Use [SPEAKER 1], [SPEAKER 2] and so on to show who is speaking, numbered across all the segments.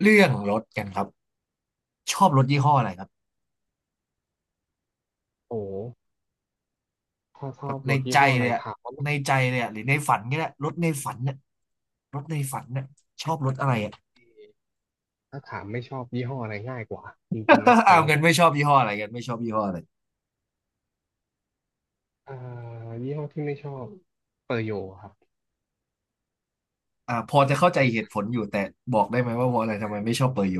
[SPEAKER 1] เรื่องรถกันครับชอบรถยี่ห้ออะไรครับ
[SPEAKER 2] โอ้ถ้าช
[SPEAKER 1] แบ
[SPEAKER 2] อ
[SPEAKER 1] บ
[SPEAKER 2] บร
[SPEAKER 1] ใน
[SPEAKER 2] ถยี่
[SPEAKER 1] ใจ
[SPEAKER 2] ห้ออะ
[SPEAKER 1] เล
[SPEAKER 2] ไร
[SPEAKER 1] ยอะ
[SPEAKER 2] ถามว่าบา
[SPEAKER 1] ใน
[SPEAKER 2] ง
[SPEAKER 1] ใจเลยอะหรือในฝันก็ได้รถในฝันเนี่ยรถในฝันเนี่ยชอบรถอะไรอะ
[SPEAKER 2] ทีถ้าถามไม่ชอบยี่ห้ออะไรง่ายกว่าจริงๆนะ
[SPEAKER 1] เอา
[SPEAKER 2] สำหรับ
[SPEAKER 1] เงิ
[SPEAKER 2] ผ
[SPEAKER 1] น
[SPEAKER 2] ม
[SPEAKER 1] ไม่ชอบยี่ห้ออะไรกันไม่ชอบยี่ห้ออะไร
[SPEAKER 2] อ่า ยี่ห้อที่ไม่ชอบเปอร์โยครับ
[SPEAKER 1] อ่าพอจะเข้าใจเหตุผลอยู่แต่บอกได้ไหมว่าเพราะอะไรทำไมไม่ชอบเปอร์โย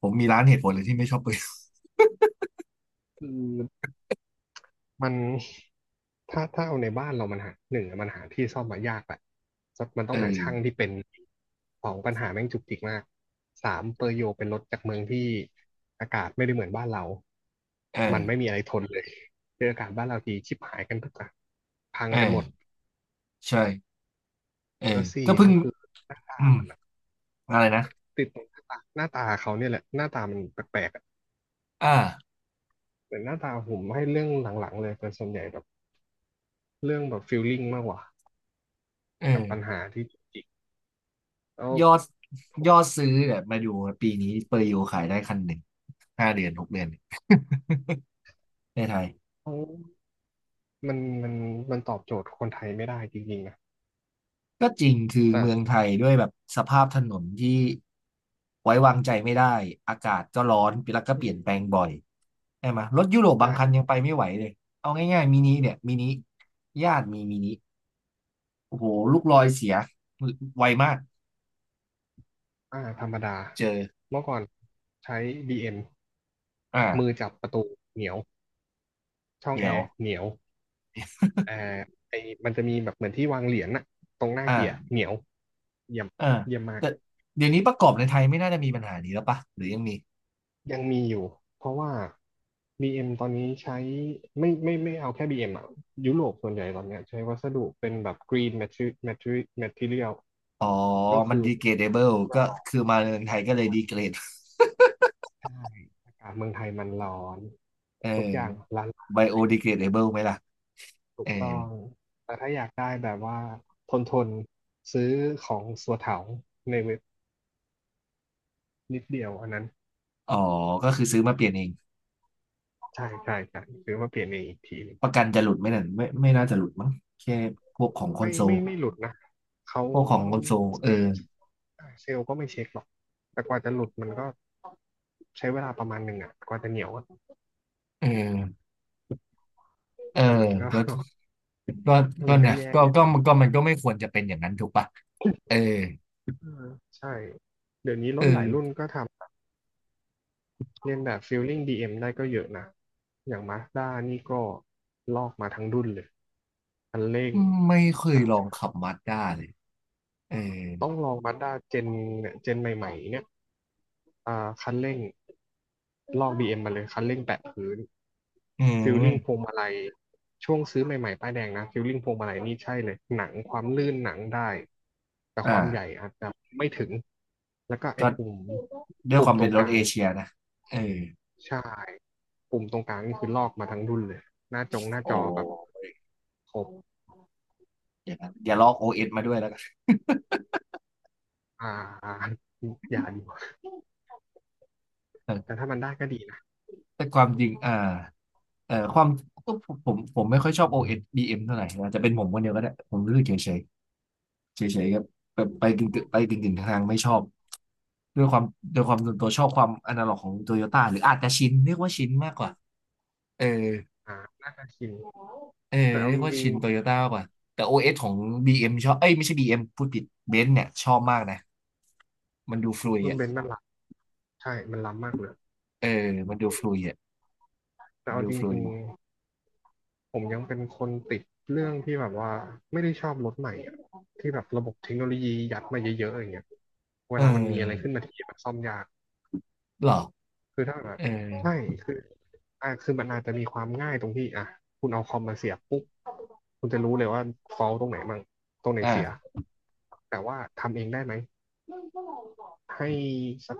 [SPEAKER 1] ผมมีร้านเหตุผลเลยที่ไม่ชอบเปอร์โย
[SPEAKER 2] คือมันถ้าเอาในบ้านเรามันหาหนึ่งอะมันหาที่ซ่อมมายากแหละสักมัน ต้
[SPEAKER 1] เ
[SPEAKER 2] องหาช่าง
[SPEAKER 1] ออ
[SPEAKER 2] ที่เป็นสองปัญหาแม่งจุกจิกมากสามเปอร์โยเป็นรถจากเมืองที่อากาศไม่ได้เหมือนบ้านเรา
[SPEAKER 1] เอ
[SPEAKER 2] มันไม่
[SPEAKER 1] อ
[SPEAKER 2] มีอะไรทนเลยเจออากาศบ้านเราทีชิบหายกันทุกอ่ะพัง
[SPEAKER 1] เออ
[SPEAKER 2] กันหมด
[SPEAKER 1] ใช่เออ
[SPEAKER 2] แล้วสี่
[SPEAKER 1] ก็เพิ่ง
[SPEAKER 2] ก็คือ
[SPEAKER 1] อืมอะไรนะ
[SPEAKER 2] ติดตรงหน้าตาหน้าตาเขาเนี่ยแหละหน้าตามันแปลกๆอะ
[SPEAKER 1] อ่า
[SPEAKER 2] แต่หน้าตาผมให้เรื่องหลังๆเลยเป็นส่วนใหญ่แบบเรื่องแบบฟีลลิ่งมากกว่า
[SPEAKER 1] เอ
[SPEAKER 2] กับปัญ
[SPEAKER 1] อ
[SPEAKER 2] หาที่จุกจิกแล้ว
[SPEAKER 1] ยอดยอดซื้อเนี่ยมาดูปีนี้เปอร์โยขายได้คันหนึ่งห้าเดือนหกเดือน ในไทย
[SPEAKER 2] เขามันมันมันตอบโจทย์คนไทยไม่ได้จริงๆนะ
[SPEAKER 1] ก็จริงคือเมือง
[SPEAKER 2] แต่
[SPEAKER 1] ไทยด้วยแบบสภาพถนนที่ไว้วางใจไม่ได้อากาศก็ร้อนแล้วก็เป
[SPEAKER 2] อื
[SPEAKER 1] ลี่ย
[SPEAKER 2] ม
[SPEAKER 1] นแปลงบ่อยใช่ไหมรถยุโรปบาง
[SPEAKER 2] ใช่
[SPEAKER 1] คันยังไปไม่ไหวเลยเอาง่ายๆมินิเนี่ยมินิญาติมีมินิโอ้โหลูกลอยเสียไวมาก
[SPEAKER 2] ธรรมดา
[SPEAKER 1] เจอ
[SPEAKER 2] เมื่อก่อนใช้ BM มมือ
[SPEAKER 1] อ่า
[SPEAKER 2] จับประตูเหนียวช่อ
[SPEAKER 1] เห
[SPEAKER 2] งแอ
[SPEAKER 1] นี่ยว
[SPEAKER 2] ร์เหนียวแอร์ไอมันจะมีแบบเหมือนที่วางเหรียญน่ะตรงหน้าเกียร์
[SPEAKER 1] อ่า
[SPEAKER 2] เหนียวเยี่ยม
[SPEAKER 1] อ่า
[SPEAKER 2] เยี่ยมมาก
[SPEAKER 1] แต่เดี๋ยวนี้ประกอบในไทยไม่น่าจะมีปัญหานี้แล้วปะหรือยังมี
[SPEAKER 2] ยังมีอยู่เพราะว่า BM ตอนนี้ใช้ไม่เอาแค่ BM อมอ่ะยุโรปส่วนใหญ่ตอนเนี้ยใช้วัสดุเป็นแบบ green material
[SPEAKER 1] อ๋อ
[SPEAKER 2] ก็
[SPEAKER 1] มัน
[SPEAKER 2] คือ
[SPEAKER 1] ดีเกรดเบิลก็คือมาเมืองไทยก็เลยดีเกรด
[SPEAKER 2] ใช่อากาศเมืองไทยมันร้อน
[SPEAKER 1] เออ
[SPEAKER 2] ทุกอย่างละลา
[SPEAKER 1] ไบโอดี
[SPEAKER 2] ย
[SPEAKER 1] เกรดเบิลไหมล่ะ
[SPEAKER 2] ถู
[SPEAKER 1] เออ
[SPEAKER 2] กต้องแต่ถ้าอยากได้แบบว่าทนทนซื้อของสัวเถาในเว็บนิดเดียวอันนั้น
[SPEAKER 1] อ๋อก็คือซื้อมาเปลี่ยนเอง
[SPEAKER 2] ใช่ใช่ใช่ซื้อมาเปลี่ยนเองอีกที
[SPEAKER 1] ประกันจะหลุดไหมนั่นไม่ไม่น่าจะหลุดมั้งแค่พวกของคอน
[SPEAKER 2] ไม่
[SPEAKER 1] โซล
[SPEAKER 2] ไม่ไม่หลุดนะเขา
[SPEAKER 1] พวกของคอนโซลเอ
[SPEAKER 2] เซ
[SPEAKER 1] อ
[SPEAKER 2] ลล์เซลล์ก็ไม่เช็คหรอกแต่กว่าจะหลุดมันก็ใช้เวลาประมาณหนึ่งอ่ะกว่าจะเหนียวอะ
[SPEAKER 1] เออเออ
[SPEAKER 2] แต่มันก็
[SPEAKER 1] แล้วก็ก็
[SPEAKER 2] มันก็
[SPEAKER 1] นะ
[SPEAKER 2] แย่
[SPEAKER 1] ก็
[SPEAKER 2] อยู่
[SPEAKER 1] ก็
[SPEAKER 2] ดี
[SPEAKER 1] ก็มันก็ไม่ควรจะเป็นอย่างนั้นถูกปะเออ
[SPEAKER 2] เออใช่เดี๋ยวนี้ร
[SPEAKER 1] เออ
[SPEAKER 2] ถหลายรุ่นก็ทำเลียนแบบ Feeling DM ได้ก็เยอะนะอย่าง Mazda นี่ก็ลอกมาทั้งรุ่นเลยคันเร่ง
[SPEAKER 1] ไม่เคย
[SPEAKER 2] อ่ะ
[SPEAKER 1] ลองขับมาสด้าเลยเออ
[SPEAKER 2] ต้องลอง Mazda เจนเนี่ยเจนใหม่ๆเนี่ยคันเร่ง ลอกบีเอ็มมาเลยคันเร่งแปะพื้น
[SPEAKER 1] อื
[SPEAKER 2] ฟิลลิ่งพว
[SPEAKER 1] ม
[SPEAKER 2] งมาลัยช่วงซื้อใหม่ๆป้ายแดงนะฟิลลิ่งพวงมาลัยนี่ใช่เลยหนังความลื่นหนังได้แต่ค
[SPEAKER 1] อ่า
[SPEAKER 2] วามใหญ่อาจจะไม่ถึงแล้วก็ไอ้
[SPEAKER 1] ก็
[SPEAKER 2] ปุ่ม
[SPEAKER 1] ด้วยค
[SPEAKER 2] ปุ่ม
[SPEAKER 1] วาม
[SPEAKER 2] ตร
[SPEAKER 1] เป็น
[SPEAKER 2] ง
[SPEAKER 1] ร
[SPEAKER 2] ก
[SPEAKER 1] ถ
[SPEAKER 2] ลา
[SPEAKER 1] เอ
[SPEAKER 2] ง
[SPEAKER 1] เชียนะเออ
[SPEAKER 2] ใช่ปุ่มตรงกลางนี่คือลอกมาทั้งรุ่นเลยหน้า
[SPEAKER 1] โ
[SPEAKER 2] จอแบบ
[SPEAKER 1] อ
[SPEAKER 2] ครบ
[SPEAKER 1] อย่างนั้นอย่าลอกโอเอสมาด้วยแล้วกัน
[SPEAKER 2] อ่าอย่าดีกว่าแต่ถ้ามันได้ก็ดีนะ
[SPEAKER 1] แต่ความจริงความก็ผมไม่ค่อยชอบ OS BM เอสบีเอ็มเท่าไหร่อาจจะเป็นผมคนเดียวก็ได้ผมรู้สึกเฉยเฉยเฉยๆครับไปกึ่งๆไปกึ่งกึ่งทางๆไม่ชอบด้วยความด้วยความส่วนตัวชอบความอนาล็อกของโตโยต้าหรืออาจจะชินเรียกว่าชินมากกว่าเออ
[SPEAKER 2] อ่าน่าจะชิน
[SPEAKER 1] เออ
[SPEAKER 2] แต่เอา
[SPEAKER 1] เรีย
[SPEAKER 2] จ
[SPEAKER 1] กว่า
[SPEAKER 2] ริง
[SPEAKER 1] ชินโตโยต้ามากกว่าแต่ OS ของ BM ชอบเอ้ยไม่ใช่ BM พูดผิดเบนซ์เนี่ยชอบมากนะมันดูฟลุย
[SPEAKER 2] ๆรุ่น
[SPEAKER 1] อ่ะ
[SPEAKER 2] เบนซ์มันล้ำใช่มันล้ำมากเลย
[SPEAKER 1] เออมันดูฟลุยอ่ะ
[SPEAKER 2] แต่
[SPEAKER 1] มัน
[SPEAKER 2] เอา
[SPEAKER 1] ดู
[SPEAKER 2] จ
[SPEAKER 1] ฟลุย
[SPEAKER 2] ริง ผมยังเป็นคนติดเรื่องที่แบบว่าไม่ได้ชอบรถใหม่อะที่แบบระบบเทคโนโลยียัดมาเยอะๆอย่างเงี้ยเว
[SPEAKER 1] เอ
[SPEAKER 2] ลามันมีอะไร
[SPEAKER 1] อ
[SPEAKER 2] ขึ้นมาที่มันซ่อมยาก
[SPEAKER 1] หรอ
[SPEAKER 2] คือถ้าแบ
[SPEAKER 1] เอ
[SPEAKER 2] บ
[SPEAKER 1] อ
[SPEAKER 2] ใช่คือคือมันอาจจะมีความง่ายตรงที่อ่ะคุณเอาคอมมาเสียบปุ๊บคุณจะรู้เลยว่าฟอลตรงไหนมั่งตรงไหนเสีย
[SPEAKER 1] อ่า
[SPEAKER 2] แต่ว่าทำเองได้ไหมให้สัก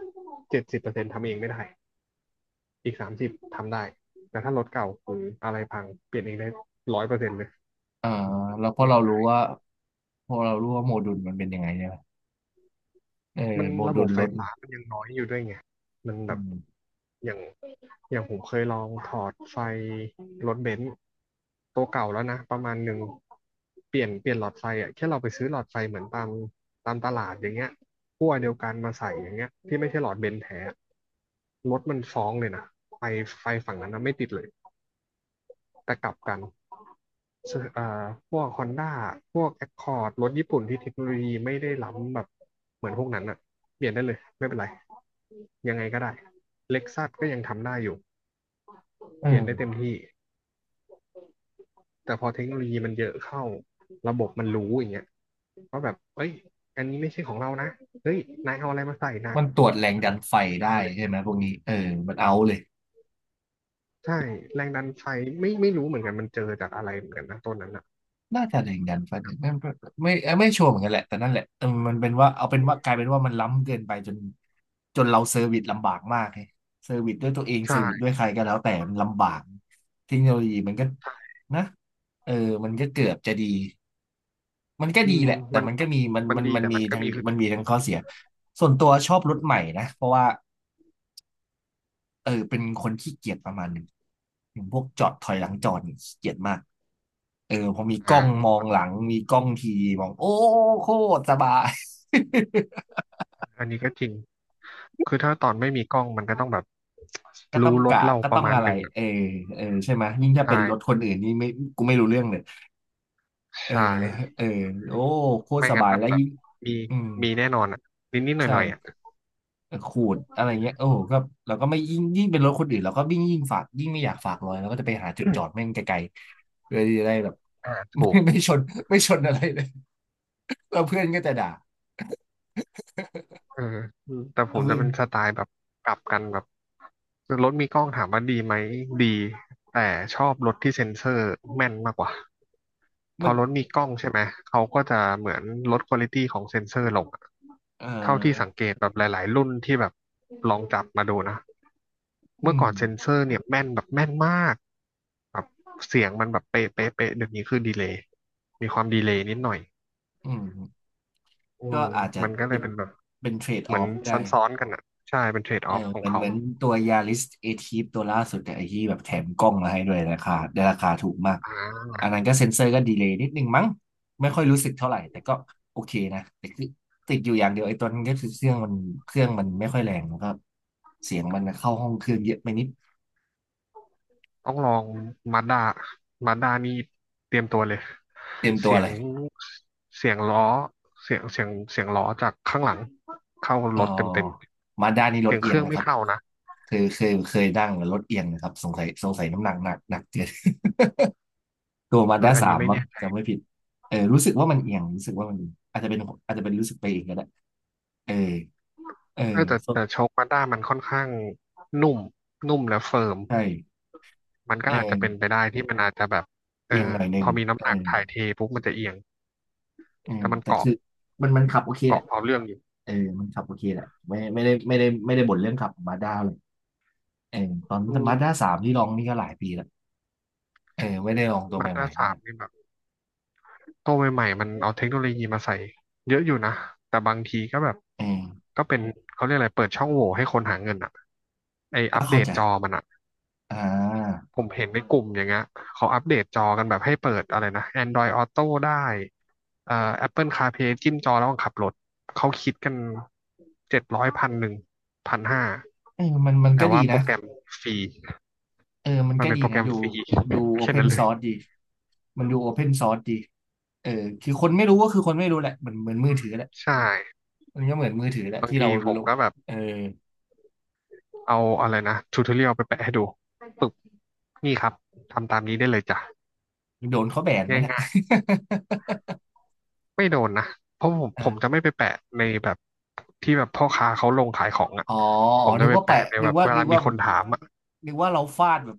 [SPEAKER 2] 70%ทำเองไม่ได้อีก30ทำได้แต่ถ้ารถเก่าหรืออะไรพังเปลี่ยนเองได้100%เลย
[SPEAKER 1] อ่าแล้วพอเรารู้ว่า พอเรารู้ว่าโมดูลมันเป็นยังไงใช่ไหมเออ
[SPEAKER 2] มัน
[SPEAKER 1] โม
[SPEAKER 2] ระบ
[SPEAKER 1] ดูล
[SPEAKER 2] บไฟ
[SPEAKER 1] รถ
[SPEAKER 2] ฟ้ามันยังน้อยอยู่ด้วยไง มัน
[SPEAKER 1] อื
[SPEAKER 2] แบบ
[SPEAKER 1] ม
[SPEAKER 2] อย่างอย่างผมเคยลองถอดไฟรถเบนซ์ตัวเก่าแล้วนะประมาณหนึ่งเปลี่ยนหลอดไฟอ่ะแค่เราไปซื้อหลอดไฟเหมือนตามตลาดอย่างเงี้ยขั้วเดียวกันมาใส่อย่างเงี้ยที่ไม่ใช่หลอดเบนซ์แท้อะรถมันฟ้องเลยนะไฟไฟฝั่งนั้นนะไม่ติดเลยแต่กลับกันซึ่งพวกฮอนด้าพวกแอคคอร์ดรถญี่ปุ่นที่เทคโนโลยีไม่ได้ล้ำแบบเหมือนพวกนั้นอ่ะเปลี่ยนได้เลยไม่เป็นไร ยังไงก็ได้ Lexus ก็ยังทำได้อยู่
[SPEAKER 1] เอ
[SPEAKER 2] เปลี่ยนได้เต็ม
[SPEAKER 1] อ
[SPEAKER 2] ที่ แต่พอเทคโนโลยีมันเยอะเข้า ระบบมันรู้อย่างเงี้ยว่าแบบเอ้ยอันนี้ไม่ใช่ของเรานะเฮ้ยนายเอาอะไรมาใส่นะ
[SPEAKER 1] มันตรวจแรงดันไฟ
[SPEAKER 2] เอา
[SPEAKER 1] ได้
[SPEAKER 2] เลย
[SPEAKER 1] ใช่ไหมพวกนี้เออมันเอาเลย
[SPEAKER 2] ใช่ แรงดันไฟไม่รู้เหมือนกันมันเจอจากอะไรเหมือนกันนะต้นนั้นอ่ะ
[SPEAKER 1] น่าจะแรงดันไฟนไม่ไม่ชัวร์เหมือนกันแหละแต่นั่นแหละเออมันเป็นว่าเอาเป็นว่ากลายเป็นว่ามันล้ำเกินไปจนจนเราเซอร์วิสลำบากมากไงเซอร์วิสด้วยตัวเองเซอร์วิสด้
[SPEAKER 2] ใช่
[SPEAKER 1] วยใครก็แล้วแต่มันลำบากเทคโนโลยีมันก็
[SPEAKER 2] ใช่
[SPEAKER 1] นะเออมันก็เกือบจะดีมันก็
[SPEAKER 2] อื
[SPEAKER 1] ดี
[SPEAKER 2] ม
[SPEAKER 1] แหละแต่
[SPEAKER 2] มัน
[SPEAKER 1] มันก็มีมัน
[SPEAKER 2] มัน
[SPEAKER 1] มัน
[SPEAKER 2] ดี
[SPEAKER 1] มัน
[SPEAKER 2] แต่
[SPEAKER 1] มี
[SPEAKER 2] มันก็
[SPEAKER 1] ทั้ง
[SPEAKER 2] มีคือ
[SPEAKER 1] มีทั้งข้อเสียส่วนตัวชอบรถใหม่นะเพราะว่า เออเป็นคนขี้เกียจประมาณหนึ่งอย่างพวกจอดถอยหลังจอดนี่ขี้เกียจมากเออพอมีกล้
[SPEAKER 2] อ่า
[SPEAKER 1] องมอง
[SPEAKER 2] เข้า
[SPEAKER 1] ห
[SPEAKER 2] ใจ
[SPEAKER 1] ลังมีกล้องทีมองโอ้โคตรสบาย
[SPEAKER 2] อันนี้ก็จริง คือถ้าตอนไม่มีกล้องมันก็ต้องแบบ
[SPEAKER 1] ก็ต้อ
[SPEAKER 2] รู้
[SPEAKER 1] ง
[SPEAKER 2] รถ
[SPEAKER 1] กะ
[SPEAKER 2] เรา
[SPEAKER 1] ก็
[SPEAKER 2] ป
[SPEAKER 1] ต้
[SPEAKER 2] ระ
[SPEAKER 1] อง
[SPEAKER 2] มาณ
[SPEAKER 1] อะ
[SPEAKER 2] ห
[SPEAKER 1] ไร
[SPEAKER 2] นึ่งอะ
[SPEAKER 1] เออเออใช่ไหมยยิ่งถ้า
[SPEAKER 2] ใช่
[SPEAKER 1] เป็นรถคนอื่นนี่ไม่กูไม่รู้เรื่องเลยเออ
[SPEAKER 2] ใช่
[SPEAKER 1] แล้วเออโอ้โคตร
[SPEAKER 2] ไม่
[SPEAKER 1] ส
[SPEAKER 2] งั้น
[SPEAKER 1] บาย
[SPEAKER 2] มัน
[SPEAKER 1] แล้ว
[SPEAKER 2] แบบ
[SPEAKER 1] ยิ่ง
[SPEAKER 2] มี
[SPEAKER 1] อืม
[SPEAKER 2] มีแน่นอนอ่ะนิดนิดหน่อย
[SPEAKER 1] ใช่
[SPEAKER 2] หน่อยๆอ่ะ
[SPEAKER 1] ขูดอะไรเงี้ยโอ้โหก็เราก็ไม่ยิ่งเป็นรถคนอื่นเราก็ยิ่งฝากยิ่งไม่อยากฝากรอยเราก็จะไปหาจุดจอดแม่งไกลๆเพื่อที่จะได้แบบ
[SPEAKER 2] ถูก
[SPEAKER 1] ไม่ชนไม่ชนอะไรเลยเราเพื่อนก็จะด่า
[SPEAKER 2] เออแต่ผ
[SPEAKER 1] เรา
[SPEAKER 2] ม
[SPEAKER 1] เพื่
[SPEAKER 2] จะ
[SPEAKER 1] อน
[SPEAKER 2] เป็นสไตล์แบบกลับกันแบบรถมีกล้องถามว่าดีไหมดีแต่ชอบรถที่เซ็นเซอร์แม่นมากกว่าพ
[SPEAKER 1] มั
[SPEAKER 2] อ
[SPEAKER 1] น
[SPEAKER 2] รถมีกล้องใช่ไหมเขาก็จะเหมือนลดควอลิตี้ของเซ็นเซอร์ลงอะ
[SPEAKER 1] เอ่อ
[SPEAKER 2] เท่าที่สังเกตแบบหลายๆรุ่นที่แบบลองจับมาดูนะ
[SPEAKER 1] อื
[SPEAKER 2] เมื่อ
[SPEAKER 1] ม
[SPEAKER 2] ก่อนเซ็นเซอร์เนี่ยแม่นแบบแม่นมากแบบเสียงมันแบบเป๊ะเป๊ะเป๊ะเดี๋ยวนี้คือดีเลย์มีความดีเลย์นิดหน่อย
[SPEAKER 1] อืม
[SPEAKER 2] อื
[SPEAKER 1] ก็
[SPEAKER 2] ม
[SPEAKER 1] อาจจะ
[SPEAKER 2] มันก็เล
[SPEAKER 1] เป็
[SPEAKER 2] ย
[SPEAKER 1] น
[SPEAKER 2] เป็นแบบ
[SPEAKER 1] เป็นเทรด
[SPEAKER 2] เห
[SPEAKER 1] อ
[SPEAKER 2] มือ
[SPEAKER 1] อ
[SPEAKER 2] น
[SPEAKER 1] ฟได้
[SPEAKER 2] ซ้อนๆกันอ่ะใช่ เป็นเทรด
[SPEAKER 1] เอ
[SPEAKER 2] อ
[SPEAKER 1] อ
[SPEAKER 2] อฟขอ
[SPEAKER 1] เห
[SPEAKER 2] ง
[SPEAKER 1] มือน
[SPEAKER 2] เขา
[SPEAKER 1] เหมือนตัวยาริสเอทีฟตัวล่าสุดแต่ไอ้ที่แบบแถมกล้องมาให้ด้วยราคาได้ราคาถูกมาก
[SPEAKER 2] อ่า
[SPEAKER 1] อันนั้นก็เซ็นเซอร์ก็ดีเลย์นิดนึงมั้งไม่ค่อยรู้สึกเท่าไหร่แต่ก็โอเคนะแต่คือติดอยู่อย่างเดียวไอ้ตัวนั้นก็คือเครื่องมันเครื่องมันไม่ค่อยแรงแล้วก็เสียงมันเข้าห้องเครื่องเยอะไปนิด
[SPEAKER 2] ต้องลองมาด้ามาด้านี่เตรียมตัวเลย
[SPEAKER 1] เต็มตั
[SPEAKER 2] เสี
[SPEAKER 1] ว
[SPEAKER 2] ย
[SPEAKER 1] เล
[SPEAKER 2] ง
[SPEAKER 1] ย
[SPEAKER 2] ล้อเสียงล้อจากข้างหลังเข้า
[SPEAKER 1] เอ
[SPEAKER 2] รถเต็ม
[SPEAKER 1] อมาด้านนี้
[SPEAKER 2] ๆ
[SPEAKER 1] ร
[SPEAKER 2] เสี
[SPEAKER 1] ถ
[SPEAKER 2] ยงเค
[SPEAKER 1] เอียง
[SPEAKER 2] รื่อง
[SPEAKER 1] นะ
[SPEAKER 2] ไม่
[SPEAKER 1] ครับ
[SPEAKER 2] เข้านะ
[SPEAKER 1] เคยนั่งแล้วรถเอียงนะครับสงสัยน้ำหนักหนักเกิน ตัวมา
[SPEAKER 2] เออ
[SPEAKER 1] ด้า
[SPEAKER 2] อัน
[SPEAKER 1] สา
[SPEAKER 2] นี้
[SPEAKER 1] ม
[SPEAKER 2] ไม่
[SPEAKER 1] มั้ง
[SPEAKER 2] แน่
[SPEAKER 1] จำไม่ผิดเออรู้สึกว่ามันเอียงรู้สึกว่ามันเอียงอาจจะเป็นรู้สึกไปเองก็ได้เออเออ
[SPEAKER 2] เออแต่
[SPEAKER 1] สด
[SPEAKER 2] แต่โชคมาด้ามันค่อนข้างนุ่มนุ่มและเฟิร์ม
[SPEAKER 1] ใช่
[SPEAKER 2] มันก็
[SPEAKER 1] เอ
[SPEAKER 2] อาจจะ
[SPEAKER 1] อ
[SPEAKER 2] เป็นไปได้ที่มันอาจจะแบบเอ
[SPEAKER 1] เอียง
[SPEAKER 2] อ
[SPEAKER 1] หน่อยห
[SPEAKER 2] พ
[SPEAKER 1] นึ่ง
[SPEAKER 2] อมีน้ำ
[SPEAKER 1] เอ
[SPEAKER 2] หนัก
[SPEAKER 1] อ
[SPEAKER 2] ถ่ายเทปุ๊บมันจะเอียง
[SPEAKER 1] เออ
[SPEAKER 2] แต่มัน
[SPEAKER 1] แต่
[SPEAKER 2] เกาะ
[SPEAKER 1] คือมันขับโอเคแห
[SPEAKER 2] เกาะ
[SPEAKER 1] ละ
[SPEAKER 2] เอาเรื่องอยู่
[SPEAKER 1] เออมันขับโอเคแหละไม่ได้บ่นเรื่องขับมาด้าเลยเออตอน
[SPEAKER 2] อื
[SPEAKER 1] มาด้า
[SPEAKER 2] ม
[SPEAKER 1] สามที่ลองนี่ก็หลายปีแล้วเออไม่ได้ลองตัว
[SPEAKER 2] มันห
[SPEAKER 1] ใหม่
[SPEAKER 2] น้า
[SPEAKER 1] ๆเท่า
[SPEAKER 2] สา
[SPEAKER 1] ไห
[SPEAKER 2] ม
[SPEAKER 1] ร่
[SPEAKER 2] นี่แบบตัวใหม่ๆมันเอาเทคโนโลยีมาใส่เยอะอยู่นะแต่บางทีก็แบบ
[SPEAKER 1] เออ
[SPEAKER 2] ก็เป็นเขาเรียกอะไรเปิดช่องโหว่ให้คนหาเงินอ่ะไออั
[SPEAKER 1] ก็
[SPEAKER 2] ปเด
[SPEAKER 1] เข้า
[SPEAKER 2] ต
[SPEAKER 1] ใจ
[SPEAKER 2] จอมันอ่ะ
[SPEAKER 1] อ่า
[SPEAKER 2] ผมเห็นในกลุ่มอย่างเงี้ยเขาอัปเดตจอกันแบบให้เปิดอะไรนะ Android Auto ได้เอ่อ Apple CarPlay จิ้มจอแล้วขับรถเขาคิดกัน7001,1001,500
[SPEAKER 1] เออมัน
[SPEAKER 2] แต่
[SPEAKER 1] ก็ดี
[SPEAKER 2] ว่าโปร
[SPEAKER 1] นะ
[SPEAKER 2] แกรมฟรี
[SPEAKER 1] เออมัน
[SPEAKER 2] มัน
[SPEAKER 1] ก็
[SPEAKER 2] เป็น
[SPEAKER 1] ดี
[SPEAKER 2] โปรแกร
[SPEAKER 1] นะ
[SPEAKER 2] ม
[SPEAKER 1] ดู
[SPEAKER 2] ฟรี
[SPEAKER 1] ดู โอ
[SPEAKER 2] แค่
[SPEAKER 1] เพน
[SPEAKER 2] นั้นเล
[SPEAKER 1] ซ
[SPEAKER 2] ย
[SPEAKER 1] อร์สดีมันดูโอเพนซอร์สดีเออคือคนไม่รู้ก็คือคนไม่รู้แหละเหมือนมือถือแหละ
[SPEAKER 2] ใช่
[SPEAKER 1] มันก็เหมือนมือถือแหละ
[SPEAKER 2] บาง
[SPEAKER 1] ที่เรา
[SPEAKER 2] ทีผ
[SPEAKER 1] ล
[SPEAKER 2] ม
[SPEAKER 1] ง
[SPEAKER 2] ก็แบบ
[SPEAKER 1] เออ
[SPEAKER 2] เอาอะไรนะทูทอเรียลไปแปะให้ดูปึ๊บนี่ครับทำตามนี้ได้เลยจ้ะ
[SPEAKER 1] โดนเขาแบนไหมนะ
[SPEAKER 2] ง่าย ๆเพราะผม
[SPEAKER 1] อ่า
[SPEAKER 2] ผมจะไม่ไปแปะในแบบที่แบบพ่อค้าเขาลงขายของอ่ะ
[SPEAKER 1] อ๋อ
[SPEAKER 2] ผ
[SPEAKER 1] อ๋อ
[SPEAKER 2] มจะ
[SPEAKER 1] นึก
[SPEAKER 2] ไป
[SPEAKER 1] ว่า
[SPEAKER 2] แปะ
[SPEAKER 1] แปะ
[SPEAKER 2] ในแบบเว
[SPEAKER 1] นึ
[SPEAKER 2] ลา
[SPEAKER 1] ก
[SPEAKER 2] มี
[SPEAKER 1] ว่า
[SPEAKER 2] ค
[SPEAKER 1] แบ
[SPEAKER 2] น
[SPEAKER 1] บ
[SPEAKER 2] ถามอ่ะ
[SPEAKER 1] นึกว่าเราฟาดแบบ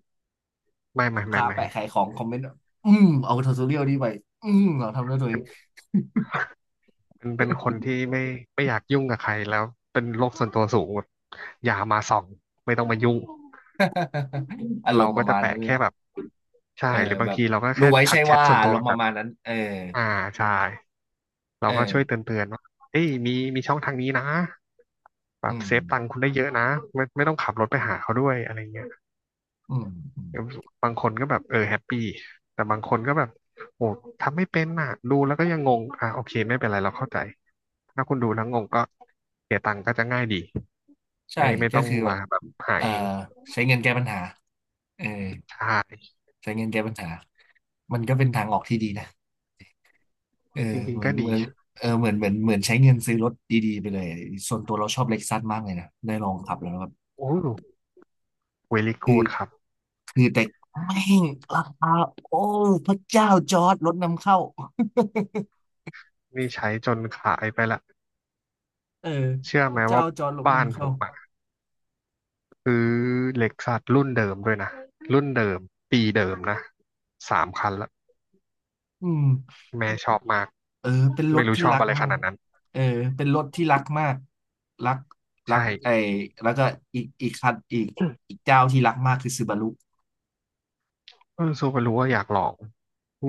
[SPEAKER 2] ไม่ไม่
[SPEAKER 1] ลูก
[SPEAKER 2] ไม่
[SPEAKER 1] ค้า
[SPEAKER 2] ไม่
[SPEAKER 1] แปะขายของคอมเมนต์อืมเอาททอสเรียลนีไปอืมเราทำด้วยตัวเอ
[SPEAKER 2] เป็
[SPEAKER 1] ง
[SPEAKER 2] นเป็นเป็นคนที่ไม่อยากยุ่งกับใครแล้วเป็นโลกส่วนตัวสูงแบบอย่ามาส่องไม่ต้องมายุ่ง
[SPEAKER 1] อาร
[SPEAKER 2] เรา
[SPEAKER 1] มณ์ป
[SPEAKER 2] ก็
[SPEAKER 1] ระ
[SPEAKER 2] จะ
[SPEAKER 1] มาณ
[SPEAKER 2] แปะ
[SPEAKER 1] นั้นเลย
[SPEAKER 2] แค่แบบใช่
[SPEAKER 1] เออ
[SPEAKER 2] หรือบา
[SPEAKER 1] แบ
[SPEAKER 2] ง
[SPEAKER 1] บ
[SPEAKER 2] ทีเราก็
[SPEAKER 1] รู้
[SPEAKER 2] แค่
[SPEAKER 1] ไว้
[SPEAKER 2] ทั
[SPEAKER 1] ใช่
[SPEAKER 2] กแชท
[SPEAKER 1] ว่า
[SPEAKER 2] ส่วน
[SPEAKER 1] อา
[SPEAKER 2] ตัว
[SPEAKER 1] ร
[SPEAKER 2] ไป
[SPEAKER 1] มณ์ป
[SPEAKER 2] แบ
[SPEAKER 1] ระ
[SPEAKER 2] บ
[SPEAKER 1] มาณนั้นเออ
[SPEAKER 2] อ่าใช่เรา
[SPEAKER 1] เอ
[SPEAKER 2] ก็ช่วย
[SPEAKER 1] อ
[SPEAKER 2] เตือนๆว่าเอ้ยมีมีช่องทางนี้นะ แบ
[SPEAKER 1] อื
[SPEAKER 2] บ
[SPEAKER 1] ม
[SPEAKER 2] เซฟตังค์คุณได้เยอะนะไม่ไม่ต้องขับรถไปหาเขาด้วยอะไรเงี้ย
[SPEAKER 1] อืมอืม
[SPEAKER 2] บางคนก็แบบเออแฮปปี้แต่บางคนก็แบบโอ้ทำไม่เป็นน่ะดูแล้วก็ยังงงอ่ะโอเคไม่เป็นไรเราเข้าใจถ้าคุณดูแล้วงงก็เสียตังค์ก็จะง่ายดี
[SPEAKER 1] ใช่
[SPEAKER 2] ไม่ไม่
[SPEAKER 1] ก็
[SPEAKER 2] ต้อง
[SPEAKER 1] คือแบ
[SPEAKER 2] มา
[SPEAKER 1] บ
[SPEAKER 2] แบบหา
[SPEAKER 1] เอ่อ
[SPEAKER 2] เอง
[SPEAKER 1] ใช้เงินแก้ปัญหาเออ
[SPEAKER 2] ใช่
[SPEAKER 1] ใช้เงินแก้ปัญหามันก็เป็นทางออกที่ดีนะเออ
[SPEAKER 2] จริง
[SPEAKER 1] เห
[SPEAKER 2] ๆ
[SPEAKER 1] มือ
[SPEAKER 2] ก็
[SPEAKER 1] นเห
[SPEAKER 2] ดี
[SPEAKER 1] มือนเออเหมือนใช้เงินซื้อรถดีๆไปเลยส่วนตัวเราชอบเล็กซัสมากเลยนะได้ลองขับแล้วแบบ
[SPEAKER 2] โอ้เวลิ
[SPEAKER 1] คื
[SPEAKER 2] กู
[SPEAKER 1] อ
[SPEAKER 2] ดครับ
[SPEAKER 1] คือแต่แม่งราคาโอ้พระเจ้าจอร์ดรถนำเข้า
[SPEAKER 2] นี่ใช้จนขายไปละ
[SPEAKER 1] เออ
[SPEAKER 2] เชื่อ
[SPEAKER 1] พ
[SPEAKER 2] ไหม
[SPEAKER 1] ระเจ้า
[SPEAKER 2] ว่า
[SPEAKER 1] จอร์ดรถ
[SPEAKER 2] บ้าน
[SPEAKER 1] นำ
[SPEAKER 2] ผ
[SPEAKER 1] เข้า
[SPEAKER 2] มอะคือเล็กซัสรุ่นเดิมด้วยนะรุ่นเดิมปีเดิมนะ3 คันละ
[SPEAKER 1] อืม
[SPEAKER 2] แม่ชอบมาก
[SPEAKER 1] เออเป็นร
[SPEAKER 2] ไม่
[SPEAKER 1] ถ
[SPEAKER 2] รู้
[SPEAKER 1] ที่
[SPEAKER 2] ชอบ
[SPEAKER 1] รัก
[SPEAKER 2] อะไรข
[SPEAKER 1] มาก
[SPEAKER 2] นาดนั้น
[SPEAKER 1] เออเป็นรถที่รักมากรักรัก
[SPEAKER 2] ใช่
[SPEAKER 1] ไอ้แล้วก็อีกคันอีกอีก เจ้าที่รักมากคือซูบารุ
[SPEAKER 2] เออซูเปรู้ว่าอยากลอง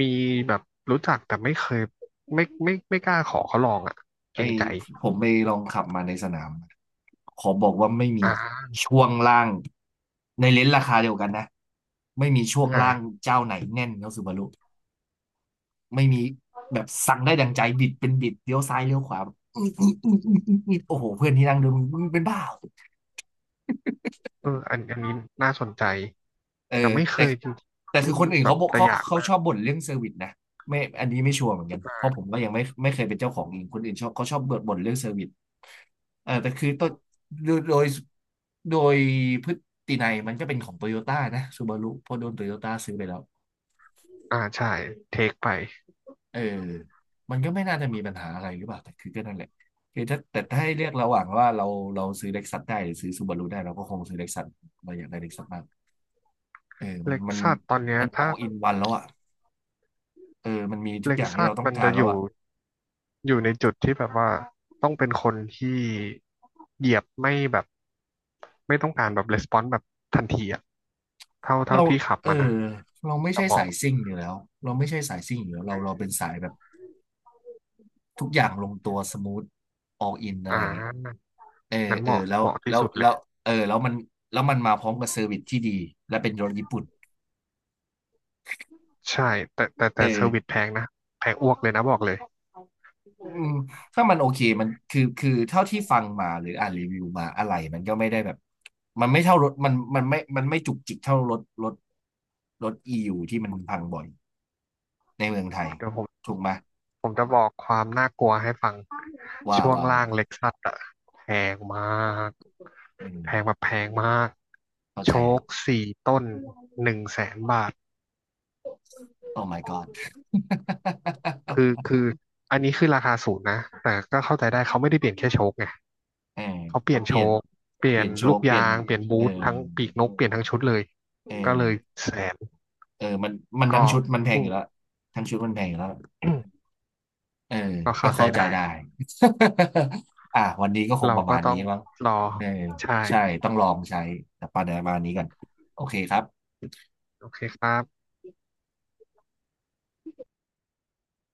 [SPEAKER 2] มีแบบรู้จักแต่ไม่เคยไม่ไม่ไม่ไม่กล้าขอเขาลองอ่ะเกร
[SPEAKER 1] ไอ้
[SPEAKER 2] งใจ
[SPEAKER 1] ผมไปลองขับมาในสนามขอบอกว่าไม่มี
[SPEAKER 2] อ่า
[SPEAKER 1] ช่วงล่างในเลนส์ราคาเดียวกันนะไม่มีช่วง
[SPEAKER 2] อ่า
[SPEAKER 1] ล่างเจ้าไหนแน่นเท่าซูบารุไม่มีแบบสั่งได้ดังใจบิดเป็นบิดเลี้ยวซ้ายเลี้ยวขวาอืมอืมโอ้โหเพื่อนที่นั่งดูมึงเป็นบ้า
[SPEAKER 2] เอออันอันนี้น่าสนใจ
[SPEAKER 1] เออ
[SPEAKER 2] แต่ไม่เค
[SPEAKER 1] แต่
[SPEAKER 2] ยจริง
[SPEAKER 1] แต่
[SPEAKER 2] ๆ
[SPEAKER 1] คื
[SPEAKER 2] รุ่
[SPEAKER 1] อ
[SPEAKER 2] น
[SPEAKER 1] คนอื่น
[SPEAKER 2] แบ
[SPEAKER 1] เขา
[SPEAKER 2] บ
[SPEAKER 1] บอก
[SPEAKER 2] แต่อยาก
[SPEAKER 1] เขา
[SPEAKER 2] มา
[SPEAKER 1] ช
[SPEAKER 2] ก
[SPEAKER 1] อบบ่นเรื่องเซอร์วิสนะไม่อันนี้ไม่ชัวร์เหมือนกันเพราะผมก็ยังไม่เคยเป็นเจ้าของเองคนอื่นชอบเขาชอบบ่นเรื่องเซอร์วิสเออแต่คือต้นโดยโดยโดยพฤตินัยมันก็เป็นของโตโยต้านะซูบารุเพราะโดนโตโยต้าซื้อไปแล้ว
[SPEAKER 2] อ่าใช่เทคไป
[SPEAKER 1] เออมันก็ไม่น่าจะมีปัญหาอะไรหรือเปล่าแต่คือก็นั่นแหละคือถ้าแต่ถ้าให้เลือกระหว่างว่าเราซื้อเล็กซัสได้หรือซื้อซูบารุได้เราก็คงซื้อเล็กซัสเราอยากได้เล็กซัสมากเออ
[SPEAKER 2] เล็กซัสตอนเนี้ย
[SPEAKER 1] มัน
[SPEAKER 2] ถ้า
[SPEAKER 1] all in one แล้วอะ เออมันมีทุก
[SPEAKER 2] เล็
[SPEAKER 1] อ
[SPEAKER 2] ก
[SPEAKER 1] ย่างที่
[SPEAKER 2] ซัส
[SPEAKER 1] เราต้อง
[SPEAKER 2] มัน
[SPEAKER 1] กา
[SPEAKER 2] จะ
[SPEAKER 1] รแล้
[SPEAKER 2] อ
[SPEAKER 1] ว
[SPEAKER 2] ยู่
[SPEAKER 1] อะ
[SPEAKER 2] อยู่ในจุดที่แบบว่าต้องเป็นคนที่เหยียบไม่แบบไม่ต้องการแบบレスปอนส์แบบทันทีอะเท่าเท่า
[SPEAKER 1] เรา
[SPEAKER 2] ที่ขับ
[SPEAKER 1] เอ
[SPEAKER 2] มานะ
[SPEAKER 1] อเราไม่
[SPEAKER 2] แต่
[SPEAKER 1] ใช่
[SPEAKER 2] เห
[SPEAKER 1] สา
[SPEAKER 2] มาะ
[SPEAKER 1] ยซิ่งอยู่แล้วเราไม่ใช่สายซิ่งอยู่แล้ว
[SPEAKER 2] เอ
[SPEAKER 1] เราเป็น
[SPEAKER 2] อ
[SPEAKER 1] สายแบบทุกอย่างลงตัวสมูทออกอินอะ
[SPEAKER 2] อ่
[SPEAKER 1] ไรอย่างเงี้ย
[SPEAKER 2] า
[SPEAKER 1] เออ
[SPEAKER 2] งั้นเห
[SPEAKER 1] เออ
[SPEAKER 2] มาะเหมาะที่สุดเล
[SPEAKER 1] แล้
[SPEAKER 2] ย
[SPEAKER 1] วเออแล้วมันมาพร้อมกับเซอร์วิสที่ดีและเป็นรถญี่ปุ่น
[SPEAKER 2] ใช่แต่
[SPEAKER 1] เอ
[SPEAKER 2] แต่เซอร์วิส
[SPEAKER 1] อ
[SPEAKER 2] แพงนะแพงอ้วกเลยนะบอกเลย
[SPEAKER 1] อืมถ้ามันโอเคมันคือเท่าที่ฟังมาหรืออ่านรีวิวมาอะไรมันก็ไม่ได้แบบมันไม่เท่ารถมันมันไม่มันไม่จุกจิกเท่ารถรถอียูที่มันพังบ่อยในเมืองไทย
[SPEAKER 2] เดี๋ยวผม
[SPEAKER 1] ถูกไหม
[SPEAKER 2] ผมจะบอกความน่ากลัวให้ฟัง
[SPEAKER 1] ว้า
[SPEAKER 2] ช่
[SPEAKER 1] ว
[SPEAKER 2] วง
[SPEAKER 1] ว้า
[SPEAKER 2] ล่า
[SPEAKER 1] ว่า
[SPEAKER 2] ง
[SPEAKER 1] ว
[SPEAKER 2] เล็กซัสอะแพงมาก
[SPEAKER 1] อืม
[SPEAKER 2] แพงแบบแพงมาก
[SPEAKER 1] เข้า
[SPEAKER 2] โช
[SPEAKER 1] ใจเลย
[SPEAKER 2] คสี่ต้น100,000 บาท
[SPEAKER 1] โอ้ my god
[SPEAKER 2] คืออันนี้คือราคาศูนย์นะแต่ก็เข้าใจได้เขาไม่ได้เปลี่ยนแค่โชคไง
[SPEAKER 1] เออ
[SPEAKER 2] เขาเปลี่
[SPEAKER 1] เขา
[SPEAKER 2] ยน
[SPEAKER 1] เป
[SPEAKER 2] โช
[SPEAKER 1] ลี่ยน
[SPEAKER 2] คเป
[SPEAKER 1] เป
[SPEAKER 2] ลี่ย
[SPEAKER 1] ลี่
[SPEAKER 2] น
[SPEAKER 1] ยนโช
[SPEAKER 2] ลูก
[SPEAKER 1] ว์เปลี่ยน
[SPEAKER 2] ยางเปลี่ยน
[SPEAKER 1] เอ
[SPEAKER 2] บู
[SPEAKER 1] อ
[SPEAKER 2] ททั้งปีกนกเปลี่ยนทั้งชุดเลย
[SPEAKER 1] เอ
[SPEAKER 2] ก็เลย
[SPEAKER 1] อ
[SPEAKER 2] แสน
[SPEAKER 1] เออมันทั้ง
[SPEAKER 2] ก็
[SPEAKER 1] ชุดมันแพง
[SPEAKER 2] อื
[SPEAKER 1] อ
[SPEAKER 2] ม
[SPEAKER 1] ยู่แล้วทั้งชุดมันแพงอยู่แล้ว เออ
[SPEAKER 2] ก็
[SPEAKER 1] ก็
[SPEAKER 2] เข้าใจ
[SPEAKER 1] เข้าใจ
[SPEAKER 2] ได้
[SPEAKER 1] ได้ อ่ะวันนี้ก็คง
[SPEAKER 2] เรา
[SPEAKER 1] ประ
[SPEAKER 2] ก็
[SPEAKER 1] มาณ
[SPEAKER 2] ต้
[SPEAKER 1] นี้
[SPEAKER 2] อง
[SPEAKER 1] มั้ง
[SPEAKER 2] รอ
[SPEAKER 1] เออ
[SPEAKER 2] ใช่
[SPEAKER 1] ใช่ต้องลองใช้แต่ประมาณนี้กันโอเคครับ
[SPEAKER 2] โอเคครับ